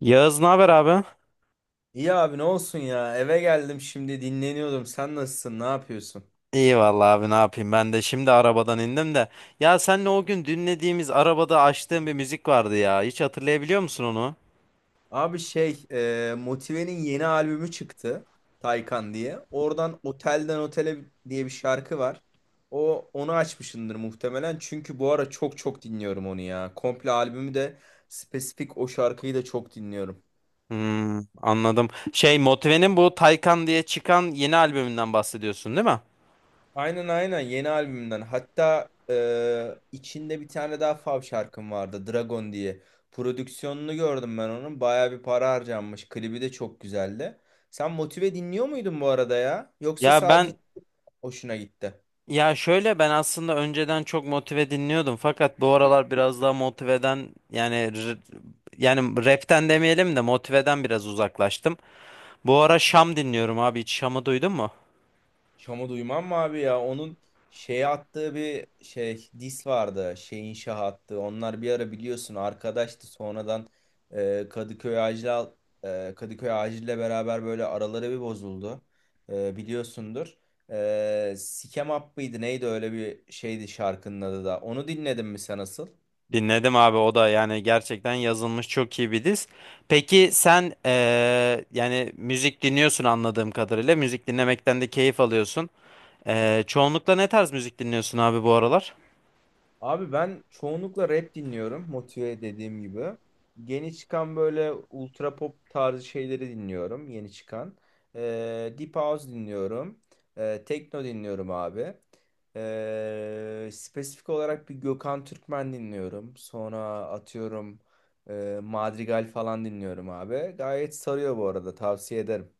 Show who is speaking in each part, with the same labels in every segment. Speaker 1: Yağız ne haber abi?
Speaker 2: İyi abi ne olsun ya, eve geldim şimdi dinleniyordum. Sen nasılsın, ne yapıyorsun?
Speaker 1: İyi vallahi abi ne yapayım ben de şimdi arabadan indim de. Ya senle o gün dinlediğimiz arabada açtığım bir müzik vardı ya. Hiç hatırlayabiliyor musun onu?
Speaker 2: Abi şey Motive'nin yeni albümü çıktı, Taycan diye, oradan Otelden Otele diye bir şarkı var. O onu açmışındır muhtemelen, çünkü bu ara çok çok dinliyorum onu ya, komple albümü de, spesifik o şarkıyı da çok dinliyorum.
Speaker 1: Hmm, anladım. Şey Motive'nin bu Taycan diye çıkan yeni albümünden bahsediyorsun değil mi?
Speaker 2: Aynen aynen, yeni albümden. Hatta içinde bir tane daha fav şarkım vardı, Dragon diye. Prodüksiyonunu gördüm ben onun. Baya bir para harcanmış. Klibi de çok güzeldi. Sen Motive dinliyor muydun bu arada ya? Yoksa
Speaker 1: Ya
Speaker 2: sadece
Speaker 1: ben
Speaker 2: hoşuna gitti?
Speaker 1: ya şöyle ben aslında önceden çok Motive dinliyordum fakat bu aralar biraz daha Motive'den yani rapten demeyelim de Motive'den biraz uzaklaştım. Bu ara Şam dinliyorum abi, hiç Şam'ı duydun mu?
Speaker 2: Şam'ı duymam mı abi ya? Onun şey attığı bir şey dis vardı. Şeyin şah attı. Onlar bir ara biliyorsun arkadaştı. Sonradan e, Kadıköy Acil Kadıköy Acil'le beraber böyle araları bir bozuldu. Biliyorsundur. Sikem Up mıydı neydi, öyle bir şeydi şarkının adı da. Onu dinledin mi sen asıl?
Speaker 1: Dinledim abi, o da yani gerçekten yazılmış çok iyi bir diz. Peki sen, yani müzik dinliyorsun anladığım kadarıyla. Müzik dinlemekten de keyif alıyorsun. Çoğunlukla ne tarz müzik dinliyorsun abi bu aralar?
Speaker 2: Abi ben çoğunlukla rap dinliyorum. Motive dediğim gibi. Yeni çıkan böyle ultra pop tarzı şeyleri dinliyorum, yeni çıkan. Deep House dinliyorum. Tekno dinliyorum abi. Spesifik olarak bir Gökhan Türkmen dinliyorum. Sonra atıyorum Madrigal falan dinliyorum abi. Gayet sarıyor bu arada. Tavsiye ederim.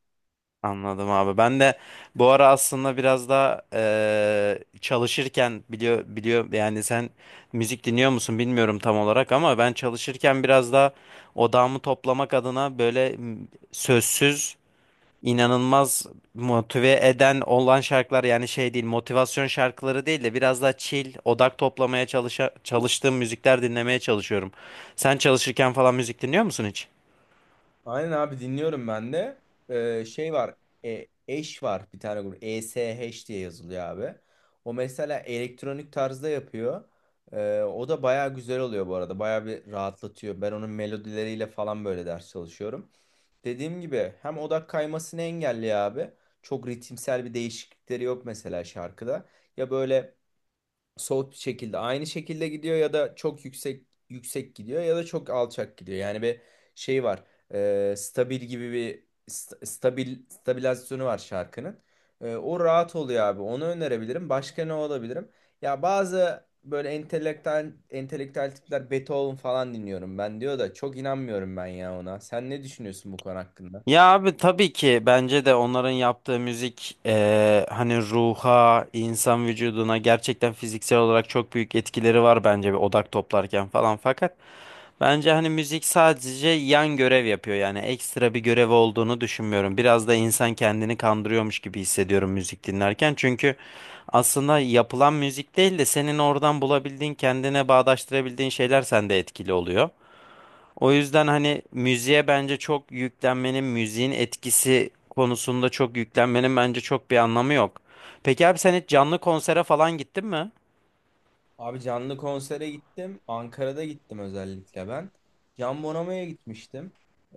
Speaker 1: Anladım abi. Ben de bu ara aslında biraz daha çalışırken biliyor yani sen müzik dinliyor musun bilmiyorum tam olarak, ama ben çalışırken biraz daha odağımı toplamak adına böyle sözsüz, inanılmaz motive eden olan şarkılar, yani şey değil motivasyon şarkıları değil de biraz daha chill odak toplamaya çalıştığım müzikler dinlemeye çalışıyorum. Sen çalışırken falan müzik dinliyor musun hiç?
Speaker 2: Aynen abi, dinliyorum ben de. Şey var. Eş var, bir tane grup. ESH diye yazılıyor abi. O mesela elektronik tarzda yapıyor. O da baya güzel oluyor bu arada. Baya bir rahatlatıyor. Ben onun melodileriyle falan böyle ders çalışıyorum. Dediğim gibi, hem odak kaymasını engelliyor abi. Çok ritimsel bir değişiklikleri yok mesela şarkıda. Ya böyle soğut bir şekilde, aynı şekilde gidiyor ya da çok yüksek yüksek gidiyor ya da çok alçak gidiyor. Yani bir şey var. Stabil gibi bir stabil stabilizasyonu var şarkının. O rahat oluyor abi. Onu önerebilirim. Başka ne olabilirim? Ya bazı böyle entelektüel entelektüel tipler "Beethoven falan dinliyorum ben" diyor da, çok inanmıyorum ben ya ona. Sen ne düşünüyorsun bu konu hakkında?
Speaker 1: Ya abi tabii ki, bence de onların yaptığı müzik, hani ruha, insan vücuduna gerçekten fiziksel olarak çok büyük etkileri var bence, bir odak toplarken falan. Fakat bence hani müzik sadece yan görev yapıyor, yani ekstra bir görev olduğunu düşünmüyorum. Biraz da insan kendini kandırıyormuş gibi hissediyorum müzik dinlerken. Çünkü aslında yapılan müzik değil de senin oradan bulabildiğin, kendine bağdaştırabildiğin şeyler sende etkili oluyor. O yüzden hani müziğe bence çok yüklenmenin, müziğin etkisi konusunda çok yüklenmenin bence çok bir anlamı yok. Peki abi, sen hiç canlı konsere falan gittin mi?
Speaker 2: Abi canlı konsere gittim. Ankara'da gittim özellikle ben. Can Bonomo'ya gitmiştim.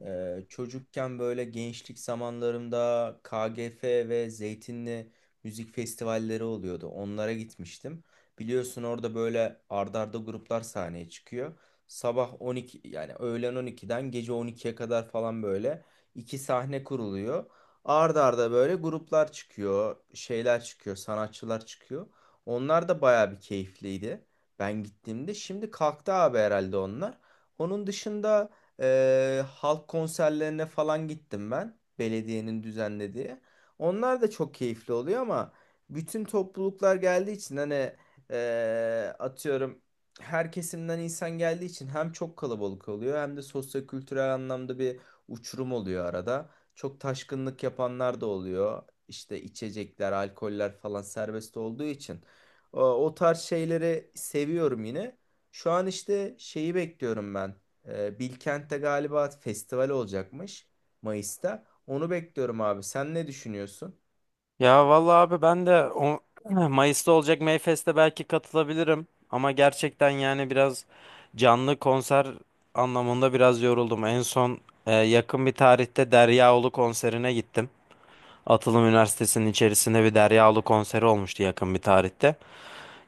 Speaker 2: Çocukken böyle, gençlik zamanlarımda, KGF ve Zeytinli müzik festivalleri oluyordu. Onlara gitmiştim. Biliyorsun, orada böyle ardarda arda gruplar sahneye çıkıyor. Sabah 12, yani öğlen 12'den gece 12'ye kadar falan böyle iki sahne kuruluyor. Arda arda böyle gruplar çıkıyor, şeyler çıkıyor, sanatçılar çıkıyor. Onlar da bayağı bir keyifliydi. Ben gittiğimde şimdi kalktı abi herhalde onlar. Onun dışında halk konserlerine falan gittim ben, belediyenin düzenlediği. Onlar da çok keyifli oluyor ama bütün topluluklar geldiği için, hani atıyorum, her kesimden insan geldiği için, hem çok kalabalık oluyor hem de sosyo-kültürel anlamda bir uçurum oluyor arada. Çok taşkınlık yapanlar da oluyor. İşte içecekler, alkoller falan serbest olduğu için. O, o tarz şeyleri seviyorum yine. Şu an işte şeyi bekliyorum ben. Bilkent'te galiba festival olacakmış Mayıs'ta. Onu bekliyorum abi. Sen ne düşünüyorsun?
Speaker 1: Ya vallahi abi, ben de o, Mayıs'ta olacak Mayfest'e belki katılabilirim. Ama gerçekten yani biraz canlı konser anlamında biraz yoruldum. En son, yakın bir tarihte Deryaolu konserine gittim. Atılım Üniversitesi'nin içerisinde bir Deryaolu konseri olmuştu yakın bir tarihte.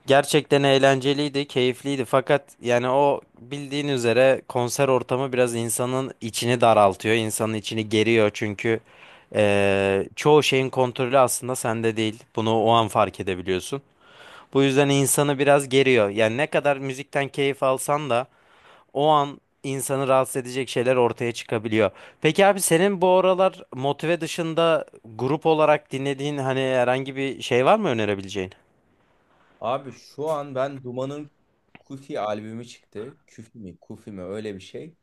Speaker 1: Gerçekten eğlenceliydi, keyifliydi, fakat yani o bildiğin üzere konser ortamı biraz insanın içini daraltıyor, insanın içini geriyor, çünkü çoğu şeyin kontrolü aslında sende değil. Bunu o an fark edebiliyorsun. Bu yüzden insanı biraz geriyor. Yani ne kadar müzikten keyif alsan da o an insanı rahatsız edecek şeyler ortaya çıkabiliyor. Peki abi, senin bu aralar motive dışında grup olarak dinlediğin, hani herhangi bir şey var mı önerebileceğin?
Speaker 2: Abi şu an ben Duman'ın Kufi albümü çıktı. Küfi mi? Kufi mi? Öyle bir şey.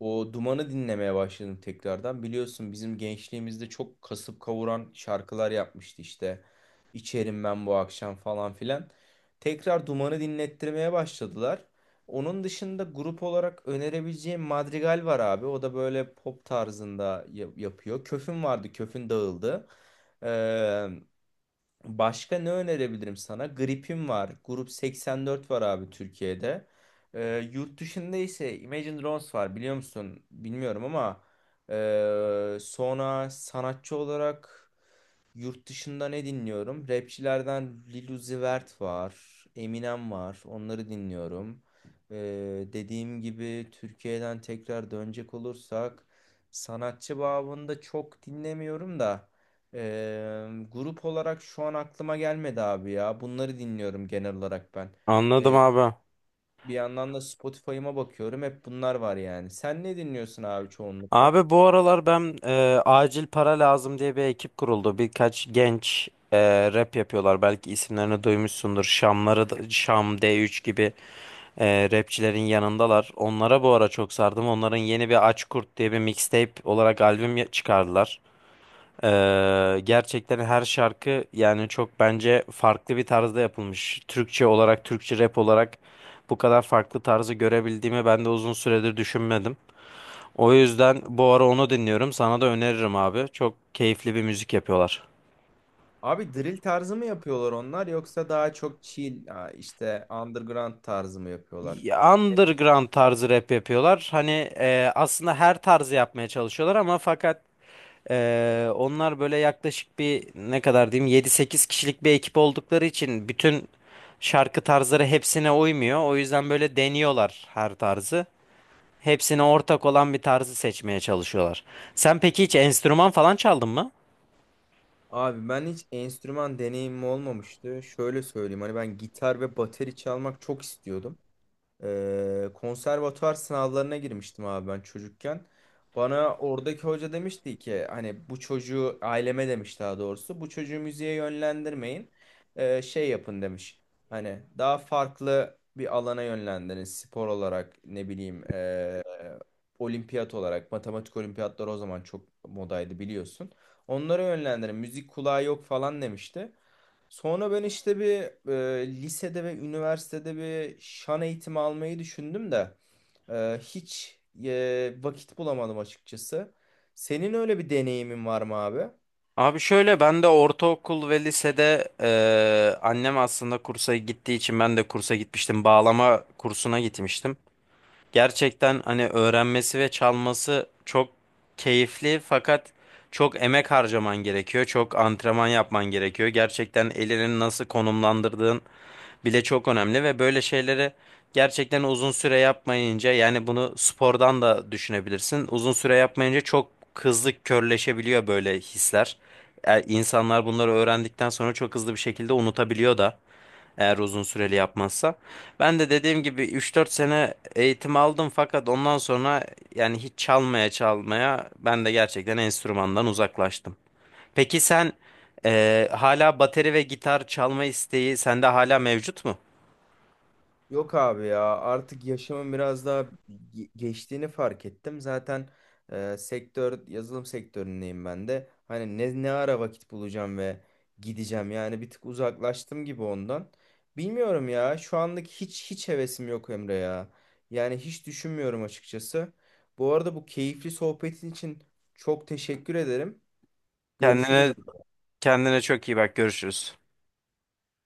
Speaker 2: O Duman'ı dinlemeye başladım tekrardan. Biliyorsun bizim gençliğimizde çok kasıp kavuran şarkılar yapmıştı işte. "İçerim ben bu akşam" falan filan. Tekrar Duman'ı dinlettirmeye başladılar. Onun dışında grup olarak önerebileceğim Madrigal var abi. O da böyle pop tarzında yapıyor. Köfün vardı. Köfün dağıldı. Başka ne önerebilirim sana? Gripim var, Grup 84 var abi Türkiye'de. Yurt dışında ise Imagine Dragons var, biliyor musun? Bilmiyorum ama sonra, sanatçı olarak yurt dışında ne dinliyorum? Rapçilerden Lil Uzi Vert var. Eminem var. Onları dinliyorum. Ee, dediğim gibi, Türkiye'den tekrar dönecek olursak, sanatçı babında çok dinlemiyorum da grup olarak şu an aklıma gelmedi abi ya. Bunları dinliyorum genel olarak ben.
Speaker 1: Anladım abi.
Speaker 2: Bir yandan da Spotify'ıma bakıyorum, hep bunlar var yani. Sen ne dinliyorsun abi çoğunlukla?
Speaker 1: Abi bu aralar ben, acil para lazım diye bir ekip kuruldu. Birkaç genç rap yapıyorlar. Belki isimlerini duymuşsundur. Şamları, Şam D3 gibi rapçilerin yanındalar. Onlara bu ara çok sardım. Onların yeni bir Aç Kurt diye bir mixtape olarak albüm çıkardılar. E, gerçekten her şarkı yani çok bence farklı bir tarzda yapılmış. Türkçe olarak, Türkçe rap olarak bu kadar farklı tarzı görebildiğimi ben de uzun süredir düşünmedim. O yüzden bu ara onu dinliyorum. Sana da öneririm abi. Çok keyifli bir müzik yapıyorlar.
Speaker 2: Abi drill tarzı mı yapıyorlar onlar, yoksa daha çok chill ha, işte underground tarzı mı yapıyorlar?
Speaker 1: Underground tarzı rap yapıyorlar. Hani aslında her tarzı yapmaya çalışıyorlar ama fakat onlar böyle yaklaşık bir ne kadar diyeyim, 7 8 kişilik bir ekip oldukları için bütün şarkı tarzları hepsine uymuyor. O yüzden böyle deniyorlar her tarzı. Hepsine ortak olan bir tarzı seçmeye çalışıyorlar. Sen peki hiç enstrüman falan çaldın mı?
Speaker 2: Abi ben hiç enstrüman deneyimim olmamıştı. Şöyle söyleyeyim, hani ben gitar ve bateri çalmak çok istiyordum. Konservatuvar sınavlarına girmiştim abi ben çocukken. Bana oradaki hoca demişti ki, hani bu çocuğu, aileme demiş daha doğrusu, "Bu çocuğu müziğe yönlendirmeyin. Şey yapın" demiş. Hani daha farklı bir alana yönlendirin, spor olarak ne bileyim olimpiyat olarak, matematik olimpiyatları o zaman çok modaydı biliyorsun. "Onlara yönlendirin, müzik kulağı yok" falan demişti. Sonra ben işte bir lisede ve üniversitede bir şan eğitimi almayı düşündüm de hiç vakit bulamadım açıkçası. Senin öyle bir deneyimin var mı abi?
Speaker 1: Abi şöyle, ben de ortaokul ve lisede, annem aslında kursa gittiği için ben de kursa gitmiştim. Bağlama kursuna gitmiştim. Gerçekten hani öğrenmesi ve çalması çok keyifli, fakat çok emek harcaman gerekiyor. Çok antrenman yapman gerekiyor. Gerçekten elini nasıl konumlandırdığın bile çok önemli ve böyle şeyleri gerçekten uzun süre yapmayınca, yani bunu spordan da düşünebilirsin, uzun süre yapmayınca çok hızlı körleşebiliyor böyle hisler. İnsanlar bunları öğrendikten sonra çok hızlı bir şekilde unutabiliyor da, eğer uzun süreli yapmazsa. Ben de dediğim gibi 3 4 sene eğitim aldım fakat ondan sonra yani hiç çalmaya çalmaya ben de gerçekten enstrümandan uzaklaştım. Peki sen hala bateri ve gitar çalma isteği sende hala mevcut mu?
Speaker 2: Yok abi ya, artık yaşımın biraz daha geçtiğini fark ettim. Zaten sektör, yazılım sektöründeyim ben de. Hani ne ara vakit bulacağım ve gideceğim? Yani bir tık uzaklaştım gibi ondan. Bilmiyorum ya, şu anlık hiç hevesim yok Emre ya. Yani hiç düşünmüyorum açıkçası. Bu arada bu keyifli sohbetin için çok teşekkür ederim.
Speaker 1: Kendine
Speaker 2: Görüşürüz.
Speaker 1: kendine çok iyi bak, görüşürüz.